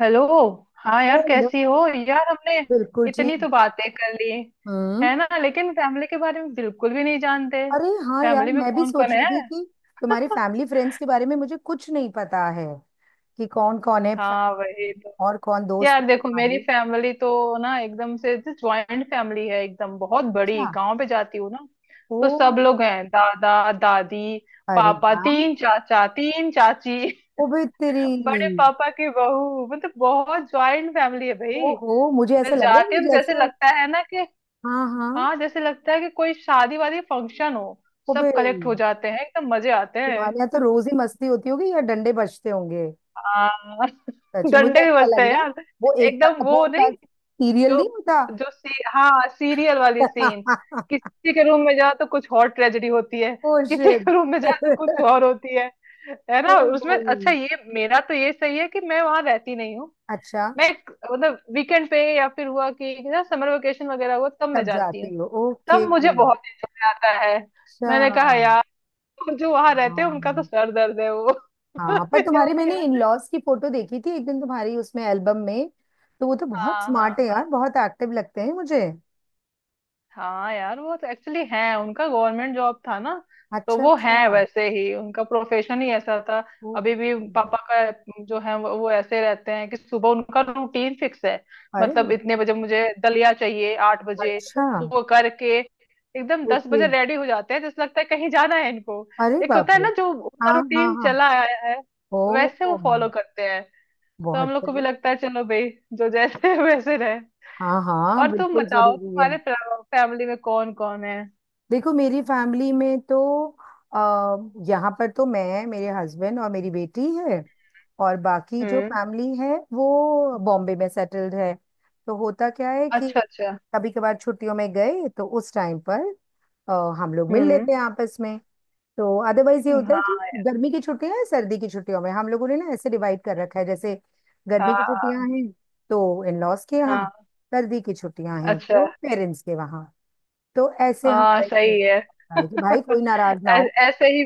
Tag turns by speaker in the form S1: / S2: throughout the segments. S1: Hello. हाँ यार,
S2: hello.
S1: कैसी हो। यार, हमने
S2: बिल्कुल
S1: इतनी
S2: ठीक।
S1: तो बातें कर ली
S2: हम्म।
S1: है ना, लेकिन फैमिली के बारे में बिल्कुल भी नहीं जानते।
S2: अरे हाँ यार,
S1: फैमिली में
S2: मैं भी
S1: कौन कौन
S2: सोच रही
S1: है।
S2: थी कि तुम्हारे फैमिली फ्रेंड्स के बारे में मुझे कुछ नहीं पता है कि कौन कौन है
S1: हाँ वही
S2: family,
S1: तो।
S2: और कौन दोस्त है
S1: यार देखो, मेरी
S2: तुम्हारे।
S1: फैमिली तो ना एकदम से ज्वाइंट फैमिली है, एकदम बहुत बड़ी।
S2: अच्छा।
S1: गांव पे जाती हूँ ना,
S2: ओ।
S1: तो सब लोग हैं। दादा दादी,
S2: अरे
S1: पापा,
S2: वाह।
S1: तीन चाचा तीन चाची,
S2: ओबे तेरी।
S1: बड़े पापा की बहू, मतलब बहुत ज्वाइंट फैमिली है
S2: ओ
S1: भाई।
S2: हो, मुझे ऐसा
S1: मैं
S2: लग रहा है
S1: जाती
S2: कि
S1: हूँ तो
S2: जैसे।
S1: जैसे लगता है ना कि,
S2: हाँ हाँ।
S1: हाँ जैसे लगता है कि कोई शादी वादी फंक्शन हो।
S2: ओबे
S1: सब कलेक्ट हो जाते हैं, एकदम मजे आते
S2: तुम्हारे यहाँ तो
S1: हैं।
S2: रोज ही मस्ती होती होगी या डंडे बजते होंगे।
S1: हाँ
S2: सच में मुझे
S1: डंडे भी
S2: ऐसा
S1: बजते
S2: लग
S1: हैं
S2: रहा है,
S1: यार।
S2: वो एकता
S1: एकदम वो
S2: कपूर का
S1: नहीं,
S2: सीरियल
S1: जो
S2: नहीं होता।
S1: जो सी, हाँ सीरियल वाली सीन। किसी के रूम में जाओ तो कुछ और ट्रेजेडी होती है।
S2: ओ
S1: किसी
S2: शिट।
S1: के रूम में जाओ तो कुछ और होती है। है ना उसमें।
S2: ओहो।
S1: अच्छा, ये मेरा तो ये सही है कि मैं वहां रहती नहीं हूँ।
S2: अच्छा।
S1: मतलब वीकेंड पे, या फिर हुआ कि ना समर वेकेशन वगैरह हुआ, तब मैं
S2: तब
S1: जाती हूँ।
S2: जाती हो, ओके।
S1: तब मुझे बहुत enjoy आता है।
S2: अच्छा।
S1: मैंने कहा यार, और जो वहां रहते हैं उनका तो
S2: हाँ
S1: सर दर्द है वो।
S2: हाँ, पर
S1: या
S2: तुम्हारे
S1: उनके
S2: मैंने इन
S1: यार।
S2: लॉज की फोटो देखी थी एक दिन, तुम्हारी उसमें एल्बम में। तो वो तो बहुत
S1: हाँ हाँ
S2: स्मार्ट है यार,
S1: हाँ।
S2: बहुत एक्टिव लगते हैं मुझे।
S1: हाँ यार वो तो एक्चुअली है, उनका गवर्नमेंट जॉब था ना, तो
S2: अच्छा
S1: वो है
S2: अच्छा।
S1: वैसे ही। उनका प्रोफेशन ही ऐसा था।
S2: ओ।
S1: अभी भी पापा का जो है वो ऐसे रहते हैं कि सुबह उनका रूटीन फिक्स है।
S2: अरे
S1: मतलब
S2: बाप।
S1: इतने बजे मुझे दलिया चाहिए, 8 बजे।
S2: अच्छा।
S1: वो करके एकदम दस
S2: ओके।
S1: बजे रेडी हो जाते हैं, जैसे लगता है कहीं जाना है इनको।
S2: अरे
S1: एक
S2: बाप
S1: होता है
S2: रे।
S1: ना जो उनका
S2: हाँ हाँ
S1: रूटीन
S2: हाँ।
S1: चला आया है,
S2: ओ।
S1: वैसे वो फॉलो करते हैं। तो हम
S2: बहुत
S1: लोग को भी
S2: सही।
S1: लगता है चलो भाई, जो जैसे है वैसे रहे।
S2: हाँ हाँ,
S1: और तुम
S2: बिल्कुल
S1: बताओ,
S2: जरूरी है।
S1: तुम्हारे फैमिली में कौन कौन है।
S2: देखो, मेरी फैमिली में तो अः यहाँ पर तो मैं, मेरे हस्बैंड और मेरी बेटी है। और बाकी जो
S1: हम्म।
S2: फैमिली है वो बॉम्बे में सेटल्ड है। तो होता क्या है कि
S1: अच्छा अच्छा।
S2: कभी कभार छुट्टियों में गए तो उस टाइम पर अ, हम लोग मिल
S1: हम्म।
S2: लेते हैं आपस में। तो अदरवाइज ये होता है कि
S1: हाँ
S2: गर्मी की छुट्टियां हैं, सर्दी की छुट्टियों में हम लोगों ने ना ऐसे डिवाइड कर रखा है जैसे गर्मी की
S1: हाँ
S2: छुट्टियां हैं तो इन लॉज के
S1: हाँ
S2: यहाँ,
S1: हाँ,
S2: सर्दी की छुट्टियां हैं
S1: अच्छा।
S2: तो पेरेंट्स के वहाँ। तो ऐसे
S1: हाँ
S2: हमारा एक
S1: सही है।
S2: तरीका होता है कि भाई कोई नाराज ना
S1: ऐ-
S2: हो।
S1: ऐसे ही।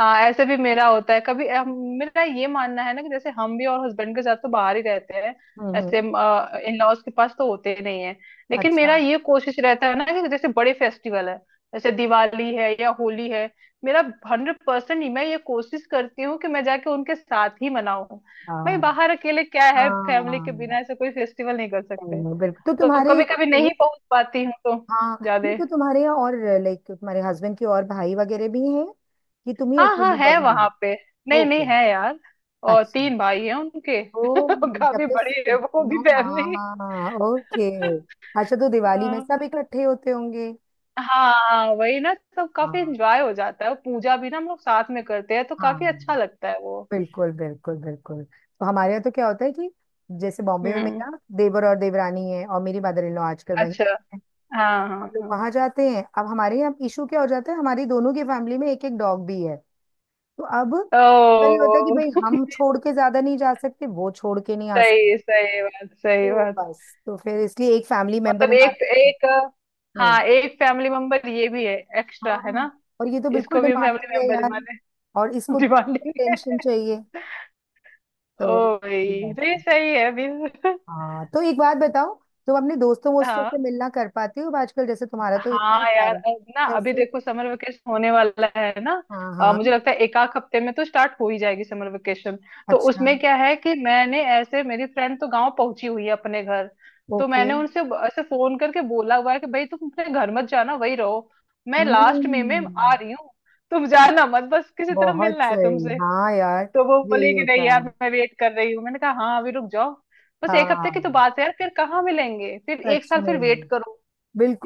S1: हाँ ऐसे भी मेरा होता है कभी। मेरा ये मानना है ना कि जैसे हम भी, और हस्बैंड के साथ तो बाहर ही रहते हैं। ऐसे
S2: हम्म।
S1: इन लॉज के पास तो होते ही नहीं है। लेकिन
S2: अच्छा।
S1: मेरा ये कोशिश रहता है ना कि जैसे बड़े फेस्टिवल है, जैसे दिवाली है या होली है, मेरा 100% मैं ये कोशिश करती हूँ कि मैं जाके उनके साथ ही मनाऊं। भाई
S2: हाँ
S1: बाहर अकेले क्या है, फैमिली के बिना ऐसे
S2: हाँ,
S1: कोई फेस्टिवल नहीं कर
S2: नहीं
S1: सकते।
S2: नहीं, बिल्कुल। तो
S1: तो
S2: तुम्हारे
S1: कभी कभी नहीं
S2: इसमें
S1: पहुंच पाती हूँ तो
S2: हाँ,
S1: ज्यादा।
S2: नहीं, तो तुम्हारे यहाँ और लाइक तुम्हारे हस्बैंड के और भाई वगैरह भी हैं कि तुम ही
S1: हाँ हाँ,
S2: अकेली
S1: है
S2: बहू
S1: वहां
S2: हो?
S1: पे। नहीं नहीं,
S2: ओके।
S1: है यार, और
S2: अच्छा।
S1: तीन भाई हैं उनके।
S2: ओ। तब
S1: काफी
S2: तो
S1: बड़ी है
S2: तुम
S1: वो भी
S2: तीनों,
S1: फैमिली।
S2: हाँ ओके। अच्छा, तो दिवाली में
S1: हाँ
S2: सब इकट्ठे होते होंगे।
S1: हाँ वही ना, तो काफी
S2: हाँ
S1: एंजॉय हो जाता है। और पूजा भी ना हम लोग साथ में करते हैं, तो
S2: हाँ।
S1: काफी अच्छा लगता है वो।
S2: बिल्कुल बिल्कुल बिल्कुल। तो हमारे यहाँ तो क्या होता है कि जैसे बॉम्बे में
S1: हम्म।
S2: मेरा देवर और देवरानी है और मेरी मदर इन लॉ आजकल वहीं
S1: अच्छा।
S2: है।
S1: हाँ हाँ
S2: हम लोग
S1: हाँ।
S2: वहां जाते हैं। अब हमारे यहाँ इशू क्या हो जाता है, हमारी दोनों की फैमिली में एक एक डॉग भी है। तो अब अक्सर ये होता है कि
S1: ओ
S2: भाई हम छोड़ के ज्यादा नहीं जा सकते, वो छोड़ के नहीं आ सकते।
S1: सही सही बात, सही
S2: तो
S1: बात।
S2: बस, तो फिर इसलिए एक फैमिली मेंबर
S1: मतलब एक
S2: हमारा।
S1: एक।
S2: हम्म।
S1: हाँ, एक फैमिली मेंबर ये भी है। एक्स्ट्रा है
S2: हाँ,
S1: ना।
S2: और ये तो बिल्कुल
S1: इसको भी हम
S2: डिमांडिंग
S1: फैमिली
S2: है
S1: मेंबर
S2: यार।
S1: माने।
S2: और इसको तो
S1: डिमांडिंग।
S2: टेंशन चाहिए। तो
S1: ओ भाई, तो ये सही है अभी।
S2: हाँ, तो एक बात बताओ, तुम अपने दोस्तों वोस्तों
S1: हाँ
S2: से मिलना कर पाती हो आजकल? जैसे तुम्हारा तो इतना
S1: हाँ यार।
S2: सारा।
S1: अब ना अभी
S2: कैसे?
S1: देखो, समर वेकेशन होने वाला है ना।
S2: हाँ हाँ।
S1: मुझे लगता है एक आध हफ्ते में तो स्टार्ट हो ही जाएगी समर वेकेशन। तो
S2: अच्छा।
S1: उसमें क्या है कि मैंने ऐसे, मेरी फ्रेंड तो गांव पहुंची हुई है अपने घर। तो
S2: ओके।
S1: मैंने ऐसे फोन करके बोला हुआ है कि भाई तुम अपने घर मत जाना, वही रहो, मैं लास्ट में आ
S2: हम्म।
S1: रही हूँ। तुम जाना मत, बस किसी तरह
S2: बहुत
S1: मिलना है
S2: सही।
S1: तुमसे।
S2: हाँ यार,
S1: तो वो
S2: यही
S1: बोली कि नहीं
S2: होता है।
S1: यार, मैं वेट कर रही हूँ। मैंने कहा हाँ अभी रुक जाओ, बस एक हफ्ते की तो
S2: हाँ
S1: बात है यार, फिर कहाँ मिलेंगे, फिर एक
S2: सच
S1: साल फिर
S2: में।
S1: वेट करो।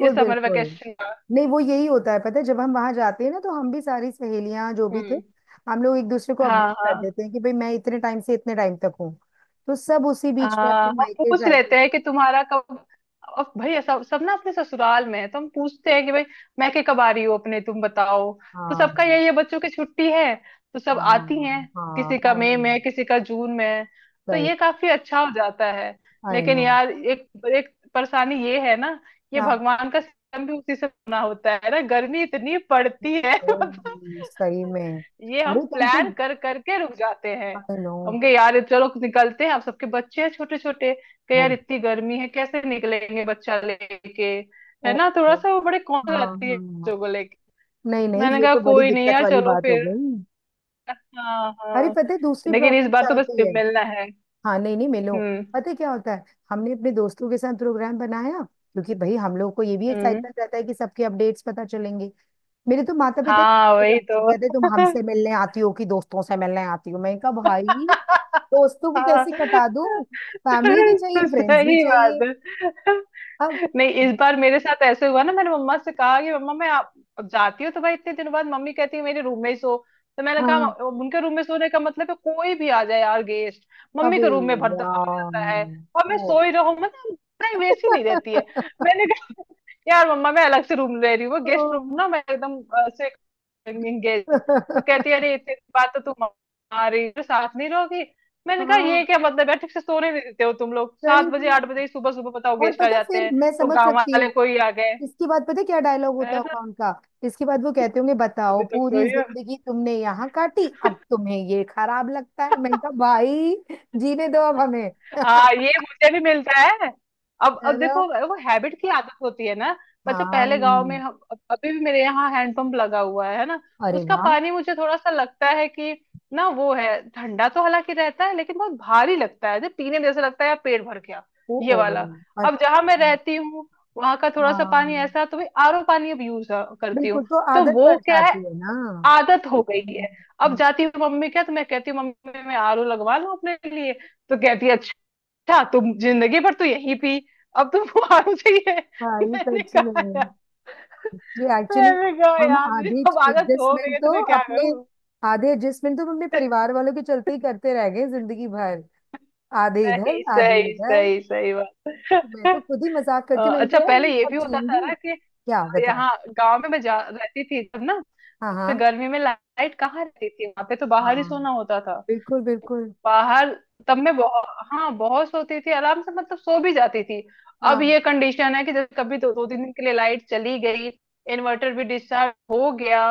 S1: ये समर
S2: बिल्कुल।
S1: वेकेशन का।
S2: नहीं, वो यही होता है, पता है, जब हम वहां जाते हैं ना तो हम भी सारी सहेलियां जो भी थे,
S1: हम्म।
S2: हम लोग एक दूसरे को अपडेट
S1: हाँ
S2: कर
S1: हाँ।
S2: देते हैं कि भाई मैं इतने टाइम से इतने टाइम तक हूँ। तो सब उसी बीच में अपने
S1: हम
S2: मायके
S1: पूछ
S2: शायके।
S1: लेते हैं कि तुम्हारा कब, अब भाई सब सब ना अपने ससुराल में है, तो हम पूछते हैं कि भाई, मैं के कब आ रही हूँ अपने, तुम बताओ। तो सबका
S2: हाँ
S1: यही है, बच्चों की छुट्टी है तो सब
S2: हाँ
S1: आती हैं। किसी
S2: हाँ।
S1: का
S2: आई
S1: मई
S2: नो।
S1: में है, किसी का जून में है। तो
S2: सही।
S1: ये काफी अच्छा हो जाता है।
S2: आई
S1: लेकिन
S2: नो।
S1: यार एक, एक परेशानी ये है ना, ये
S2: क्या?
S1: भगवान का सिस्टम भी उसी से बना होता है ना, गर्मी इतनी पड़ती है।
S2: ओह,
S1: मतलब
S2: सही में।
S1: ये हम
S2: अरे तुम तो।
S1: प्लान कर करके रुक जाते हैं।
S2: I know.
S1: हम कहे यार चलो निकलते हैं, आप सबके बच्चे हैं छोटे छोटे, कहे यार
S2: वो।
S1: इतनी गर्मी है, कैसे निकलेंगे बच्चा लेके। है
S2: ओ,
S1: ना थोड़ा
S2: ओ,
S1: सा वो, बड़े कौन
S2: हाँ
S1: जाती है बच्चों
S2: हाँ।
S1: को लेके।
S2: नहीं नहीं,
S1: मैंने
S2: ये
S1: कहा
S2: तो बड़ी
S1: कोई नहीं
S2: दिक्कत
S1: यार,
S2: वाली
S1: चलो
S2: बात हो
S1: फिर।
S2: गई।
S1: हाँ
S2: अरे
S1: हाँ।
S2: पता है दूसरी
S1: लेकिन इस
S2: प्रॉब्लम
S1: बार
S2: क्या
S1: तो बस
S2: होती है।
S1: मिलना है।
S2: हाँ, नहीं नहीं, मिलो।
S1: हम्म
S2: पता है क्या होता है, हमने अपने दोस्तों के साथ प्रोग्राम बनाया क्योंकि भाई हम लोग को ये भी
S1: हम्म।
S2: एक्साइटमेंट रहता है कि सबके अपडेट्स पता चलेंगे। मेरे तो माता पिता
S1: हाँ वही तो।
S2: कहते तुम हमसे मिलने आती हो कि दोस्तों से मिलने आती हो। मैंने कहा भाई, दोस्तों को
S1: हाँ,
S2: कैसे कटा दूं। फैमिली भी चाहिए, फ्रेंड्स भी
S1: सही बात
S2: चाहिए।
S1: है।
S2: अब
S1: नहीं इस बार मेरे साथ ऐसे हुआ ना, मैंने मम्मा से कहा कि मम्मा मैं, आप अब जाती हूँ तो भाई इतने दिनों बाद, मम्मी कहती है मेरे रूम में ही सो। तो मैंने कहा,
S2: हाँ।
S1: उनके रूम में सोने का मतलब है कोई भी आ जाए यार गेस्ट, मम्मी
S2: अबे।
S1: के रूम में भर आ
S2: यार।
S1: जाता है, और मैं
S2: ओ।
S1: सो ही रहूं, मतलब प्राइवेसी नहीं रहती है। मैंने कहा यार मम्मा मैं अलग से रूम ले रही हूँ,
S2: ओ।
S1: गेस्ट रूम ना, मैं एकदम एंगेज। तो कहती है अरे इतनी बात तो तुम, आ रही तो साथ नहीं रहोगी। मैंने कहा ये
S2: हाँ
S1: क्या मतलब है, ठीक से सोने नहीं देते हो तुम लोग,
S2: सही
S1: सात बजे आठ
S2: में।
S1: बजे ही सुबह सुबह, बताओ
S2: और
S1: गेस्ट आ
S2: पता,
S1: जाते
S2: फिर
S1: हैं,
S2: मैं
S1: तो
S2: समझ
S1: गांव
S2: सकती
S1: वाले
S2: हूँ।
S1: कोई आ गए,
S2: इसके बाद पता है क्या डायलॉग होता
S1: है ना,
S2: होगा उनका। इसके बाद वो कहते होंगे बताओ,
S1: अभी तक
S2: पूरी
S1: सोई हो।
S2: जिंदगी तुमने यहाँ काटी अब तुम्हें ये खराब लगता है। मैंने कहा भाई, जीने दो अब हमें।
S1: हाँ ये मुझे भी मिलता है। अब
S2: है
S1: अब
S2: ना?
S1: देखो वो हैबिट की आदत होती है ना। अच्छा पहले
S2: हाँ।
S1: गांव में हम, अभी भी मेरे यहाँ हैंडपंप लगा हुआ है ना,
S2: अरे
S1: उसका
S2: वाह।
S1: पानी मुझे थोड़ा सा लगता है कि ना, वो है ठंडा तो हालांकि रहता है, लेकिन बहुत भारी लगता है जो पीने में, जैसे लगता है यार पेट भर गया
S2: ओ।
S1: ये
S2: ओ
S1: वाला।
S2: और।
S1: अब जहां मैं
S2: हाँ
S1: रहती हूँ, वहां का थोड़ा सा पानी
S2: हाँ।
S1: ऐसा, तो भाई आरओ पानी अब यूज करती
S2: बिल्कुल,
S1: हूँ।
S2: तो
S1: तो
S2: आदत पड़
S1: वो क्या,
S2: जाती है ना।
S1: आदत हो गई है। अब
S2: हम्म।
S1: जाती हूँ मम्मी क्या तो मैं कहती हूँ, मम्मी मैं आरओ लगवा लूँ अपने लिए। तो कहती है अच्छा तुम जिंदगी भर तो यही पी, अब तुमको आरओ चाहिए।
S2: भाई
S1: मैंने
S2: सच में।
S1: कहा यार
S2: जी एक्चुअली
S1: मैंने कहा
S2: हम
S1: यार मेरी
S2: आधे
S1: अब आदत हो गई
S2: एडजस्टमेंट
S1: है, तो
S2: तो
S1: मैं क्या
S2: अपने,
S1: करूँ।
S2: आधे एडजस्टमेंट तो हम अपने परिवार वालों के चलते ही करते रह गए जिंदगी भर। आधे इधर
S1: सही
S2: आधे
S1: सही
S2: इधर।
S1: सही सही
S2: मैं तो
S1: बात।
S2: खुद ही मजाक करती हूँ, मैंने
S1: अच्छा
S2: कहा यार
S1: पहले
S2: हम
S1: ये भी
S2: सब
S1: होता था
S2: जिएंगे
S1: ना कि,
S2: क्या, बताओ।
S1: यहाँ गांव में मैं जा रहती थी तब ना,
S2: हाँ
S1: तो
S2: हाँ
S1: गर्मी में लाइट कहाँ रहती थी वहां पे, तो बाहर ही
S2: हाँ।
S1: सोना होता था,
S2: बिल्कुल बिल्कुल।
S1: बाहर। तब मैं बहुत, हाँ बहुत सोती थी आराम से, मतलब सो भी जाती थी। अब
S2: हाँ
S1: ये कंडीशन है कि जब कभी दो दो तीन दिन के लिए लाइट चली गई, इन्वर्टर भी डिस्चार्ज हो गया,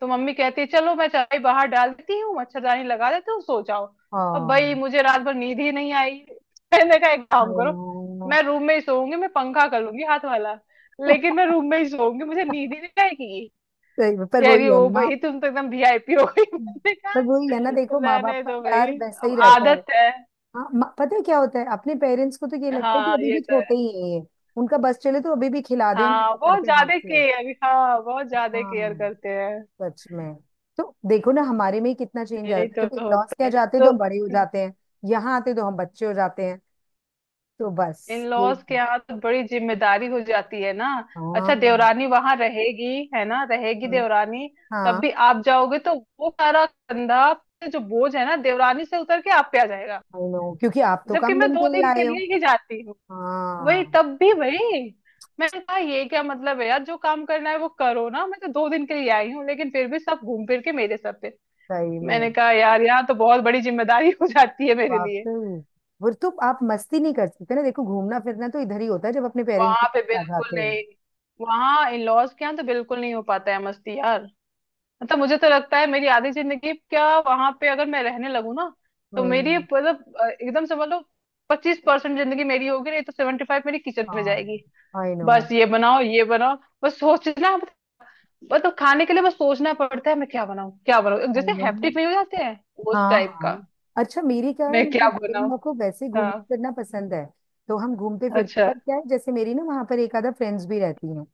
S1: तो मम्मी कहती है चलो मैं चाय बाहर डाल देती हूँ, मच्छरदानी लगा देती हूँ सो जाओ। अब भाई
S2: हाँ।
S1: मुझे रात भर नींद ही नहीं आई। मैंने कहा एक
S2: I
S1: काम करो,
S2: know।
S1: मैं रूम में ही सोऊंगी, मैं पंखा कर लूंगी हाथ वाला, लेकिन मैं रूम में ही सोऊंगी, मुझे नींद ही नहीं आएगी।
S2: सही में, पर
S1: कह रही
S2: वही है
S1: हो
S2: ना।
S1: भाई तुम तो एकदम वीआईपी हो गई। मैंने
S2: पर
S1: कहा
S2: वही है ना, देखो माँ बाप
S1: रहने
S2: का
S1: दो
S2: प्यार
S1: भाई,
S2: वैसा
S1: अब
S2: ही रहता है।
S1: आदत है।
S2: हाँ, पता है क्या होता है, अपने पेरेंट्स को तो ये लगता है कि
S1: हाँ
S2: अभी
S1: ये
S2: भी
S1: तो
S2: छोटे
S1: है।
S2: ही हैं ये। उनका बस चले तो अभी भी खिला दे हमें
S1: हाँ
S2: पकड़
S1: बहुत
S2: के हाथ
S1: ज्यादा
S2: से।
S1: केयर, हाँ बहुत ज्यादा केयर
S2: हाँ।
S1: करते हैं।
S2: सच में। तो देखो ना, हमारे में ही कितना चेंज आ
S1: यही
S2: जाता
S1: तो
S2: है, जब लॉस
S1: होते
S2: क्या
S1: हैं।
S2: जाते हैं तो
S1: तो
S2: हम बड़े हो जाते हैं, यहाँ आते तो हम बच्चे हो जाते हैं। तो बस
S1: इन लॉज के
S2: यही।
S1: यहाँ तो बड़ी जिम्मेदारी हो जाती है ना। अच्छा
S2: हाँ।
S1: देवरानी वहां रहेगी, है ना, रहेगी
S2: हम्म।
S1: देवरानी। तब
S2: हाँ,
S1: भी आप जाओगे तो वो सारा कंधा, जो बोझ है ना देवरानी से उतर के आप पे आ जाएगा।
S2: आई नो, क्योंकि आप तो
S1: जबकि
S2: कम
S1: मैं
S2: दिन
S1: दो
S2: के लिए
S1: दिन के
S2: आए हो।
S1: लिए ही जाती हूँ। वही,
S2: हाँ।
S1: तब भी भाई। मैंने कहा ये क्या मतलब है यार, जो काम करना है वो करो ना, मैं तो 2 दिन के लिए आई हूँ, लेकिन फिर भी सब घूम फिर के मेरे सर पे।
S2: सही में।
S1: मैंने कहा यार यहाँ तो बहुत बड़ी जिम्मेदारी हो जाती है मेरे लिए।
S2: वाकई। वो तो आप मस्ती नहीं कर सकते ना, देखो घूमना फिरना तो इधर ही होता है जब अपने पेरेंट्स के
S1: वहां पे
S2: पास आ
S1: बिल्कुल
S2: जाते हो।
S1: नहीं। वहां इन लॉज के यहाँ तो बिल्कुल नहीं हो पाता है मस्ती यार। मतलब मुझे तो लगता है मेरी आधी जिंदगी क्या, वहां पे अगर मैं रहने लगूँ ना, तो मेरी
S2: हम्म।
S1: मतलब, एकदम समझ लो, 25% जिंदगी मेरी होगी, नहीं तो 75 मेरी किचन में
S2: हाँ।
S1: जाएगी।
S2: I know.
S1: बस ये बनाओ ये बनाओ, बस सोचना, बस तो खाने के लिए बस सोचना पड़ता है, मैं क्या बनाऊं क्या बनाऊं,
S2: आई
S1: जैसे
S2: नो।
S1: हेप्टिक नहीं हो जाते हैं उस
S2: हाँ
S1: टाइप
S2: हाँ।
S1: का।
S2: अच्छा, मेरी क्या है,
S1: मैं
S2: मेरी
S1: क्या
S2: मदर इन
S1: बनाऊं।
S2: लॉ को वैसे घूमना
S1: हाँ।
S2: फिरना पसंद है, तो हम घूमते फिरते।
S1: अच्छा।
S2: पर क्या है, जैसे मेरी ना वहां पर एक आधा फ्रेंड्स भी रहती हैं।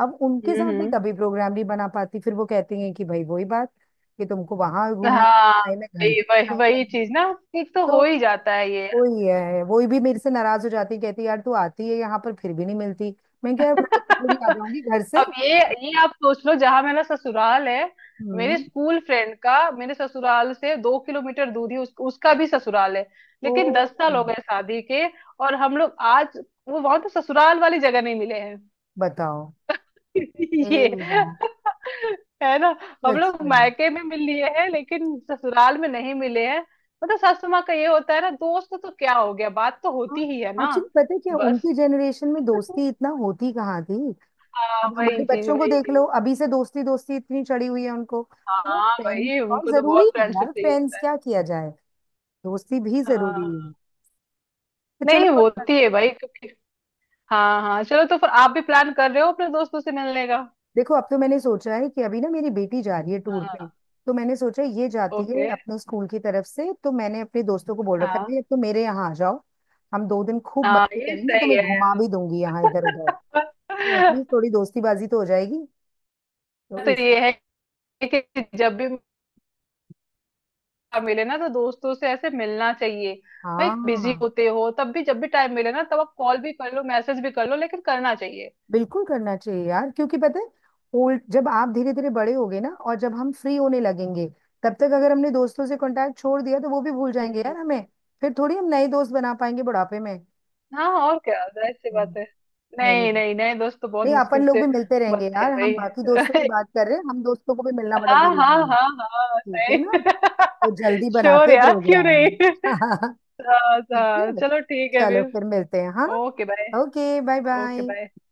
S2: अब उनके साथ मैं
S1: हम्म।
S2: कभी प्रोग्राम नहीं बना पाती, फिर वो कहती हैं कि भाई वही बात कि तुमको वहां घूमने का
S1: हाँ
S2: टाइम है, घर के
S1: वही
S2: लिए
S1: वही
S2: टाइम
S1: वही
S2: नहीं।
S1: चीज ना, एक तो
S2: तो
S1: हो ही जाता है ये।
S2: वही है, वही भी मेरे से नाराज हो जाती है, कहती है, यार तू आती है यहाँ पर फिर भी नहीं मिलती। मैं क्या, मैं तो थोड़ी आ जाऊंगी घर से।
S1: अब ये आप सोच लो, जहां मेरा ससुराल है, मेरे
S2: हम्म।
S1: स्कूल फ्रेंड का मेरे ससुराल से 2 किलोमीटर दूर ही उसका भी ससुराल है।
S2: ओ।
S1: लेकिन 10 साल हो गए शादी के, और हम लोग आज, वो वहां तो ससुराल वाली जगह नहीं मिले हैं
S2: बताओ। हे
S1: ये।
S2: राम।
S1: है ना। हम
S2: सच
S1: लोग
S2: में।
S1: मायके में मिल लिए हैं, लेकिन ससुराल में नहीं मिले हैं। मतलब सासू माँ का ये होता है ना, दोस्त तो क्या हो गया, बात तो होती ही है ना।
S2: एक्चुअली पता है क्या,
S1: बस,
S2: उनकी जनरेशन में दोस्ती इतना होती कहाँ थी।
S1: हाँ
S2: अब हमारे
S1: वही चीज
S2: बच्चों को
S1: वही
S2: देख लो,
S1: चीज।
S2: अभी से दोस्ती दोस्ती इतनी चढ़ी हुई है उनको तो, वो
S1: हाँ
S2: फ्रेंड्स
S1: भाई
S2: और
S1: उनको तो बहुत
S2: जरूरी है
S1: फ्रेंडशिप
S2: यार,
S1: चाहिए
S2: फ्रेंड्स
S1: होता है।
S2: क्या किया जाए। दोस्ती भी जरूरी
S1: हाँ
S2: है। तो चलो
S1: नहीं
S2: कोई
S1: होती है भाई क्योंकि, हाँ हाँ चलो, तो फिर आप भी प्लान कर रहे हो अपने दोस्तों से मिलने का।
S2: देखो अब तो मैंने सोचा है कि अभी ना मेरी बेटी जा रही है टूर पे,
S1: हाँ।
S2: तो मैंने सोचा ये जाती है
S1: ओके।
S2: अपने स्कूल की तरफ से, तो मैंने अपने दोस्तों को बोल रखा है
S1: हाँ
S2: भाई अब तो मेरे यहाँ आ जाओ। हम 2 दिन खूब
S1: हाँ
S2: मस्ती
S1: ये
S2: करेंगे, तो
S1: सही
S2: मैं घुमा
S1: है
S2: भी दूंगी यहाँ इधर उधर। तो
S1: यार।
S2: एटलीस्ट थोड़ी दोस्ती बाजी तो हो जाएगी। तो
S1: तो
S2: इस
S1: ये है कि जब भी आप मिले ना, तो दोस्तों से ऐसे मिलना चाहिए भाई। बिजी
S2: हाँ,
S1: होते हो तब भी, जब भी टाइम मिले ना, तब आप कॉल भी कर लो, मैसेज भी कर लो, लेकिन करना चाहिए।
S2: बिल्कुल करना चाहिए यार, क्योंकि पता है, ओल्ड जब आप धीरे धीरे बड़े होगे ना, और जब हम फ्री होने लगेंगे, तब तक अगर हमने दोस्तों से कांटेक्ट छोड़ दिया तो वो भी भूल जाएंगे
S1: हम्म।
S2: यार हमें। फिर थोड़ी हम नए दोस्त बना पाएंगे बुढ़ापे में।
S1: हाँ और क्या, जाहिर सी बात
S2: हम्म।
S1: है।
S2: नहीं नहीं।
S1: नहीं
S2: नहीं
S1: नहीं, नए दोस्त तो बहुत
S2: नहीं,
S1: मुश्किल
S2: अपन लोग
S1: से
S2: भी मिलते रहेंगे
S1: बनते
S2: यार,
S1: हैं
S2: हम बाकी दोस्तों की
S1: भाई।
S2: बात कर रहे हैं, हम दोस्तों को भी मिलना बड़ा
S1: हाँ हाँ
S2: जरूरी है।
S1: हाँ हाँ
S2: ठीक है
S1: सही।
S2: ना, तो जल्दी
S1: श्योर
S2: बनाते हैं
S1: यार क्यों
S2: प्रोग्राम।
S1: नहीं। हाँ
S2: ठीक
S1: हाँ
S2: है।
S1: चलो ठीक है
S2: चलो
S1: फिर।
S2: फिर मिलते हैं, हाँ।
S1: Okay bye.
S2: Okay bye
S1: okay
S2: bye.
S1: Bye.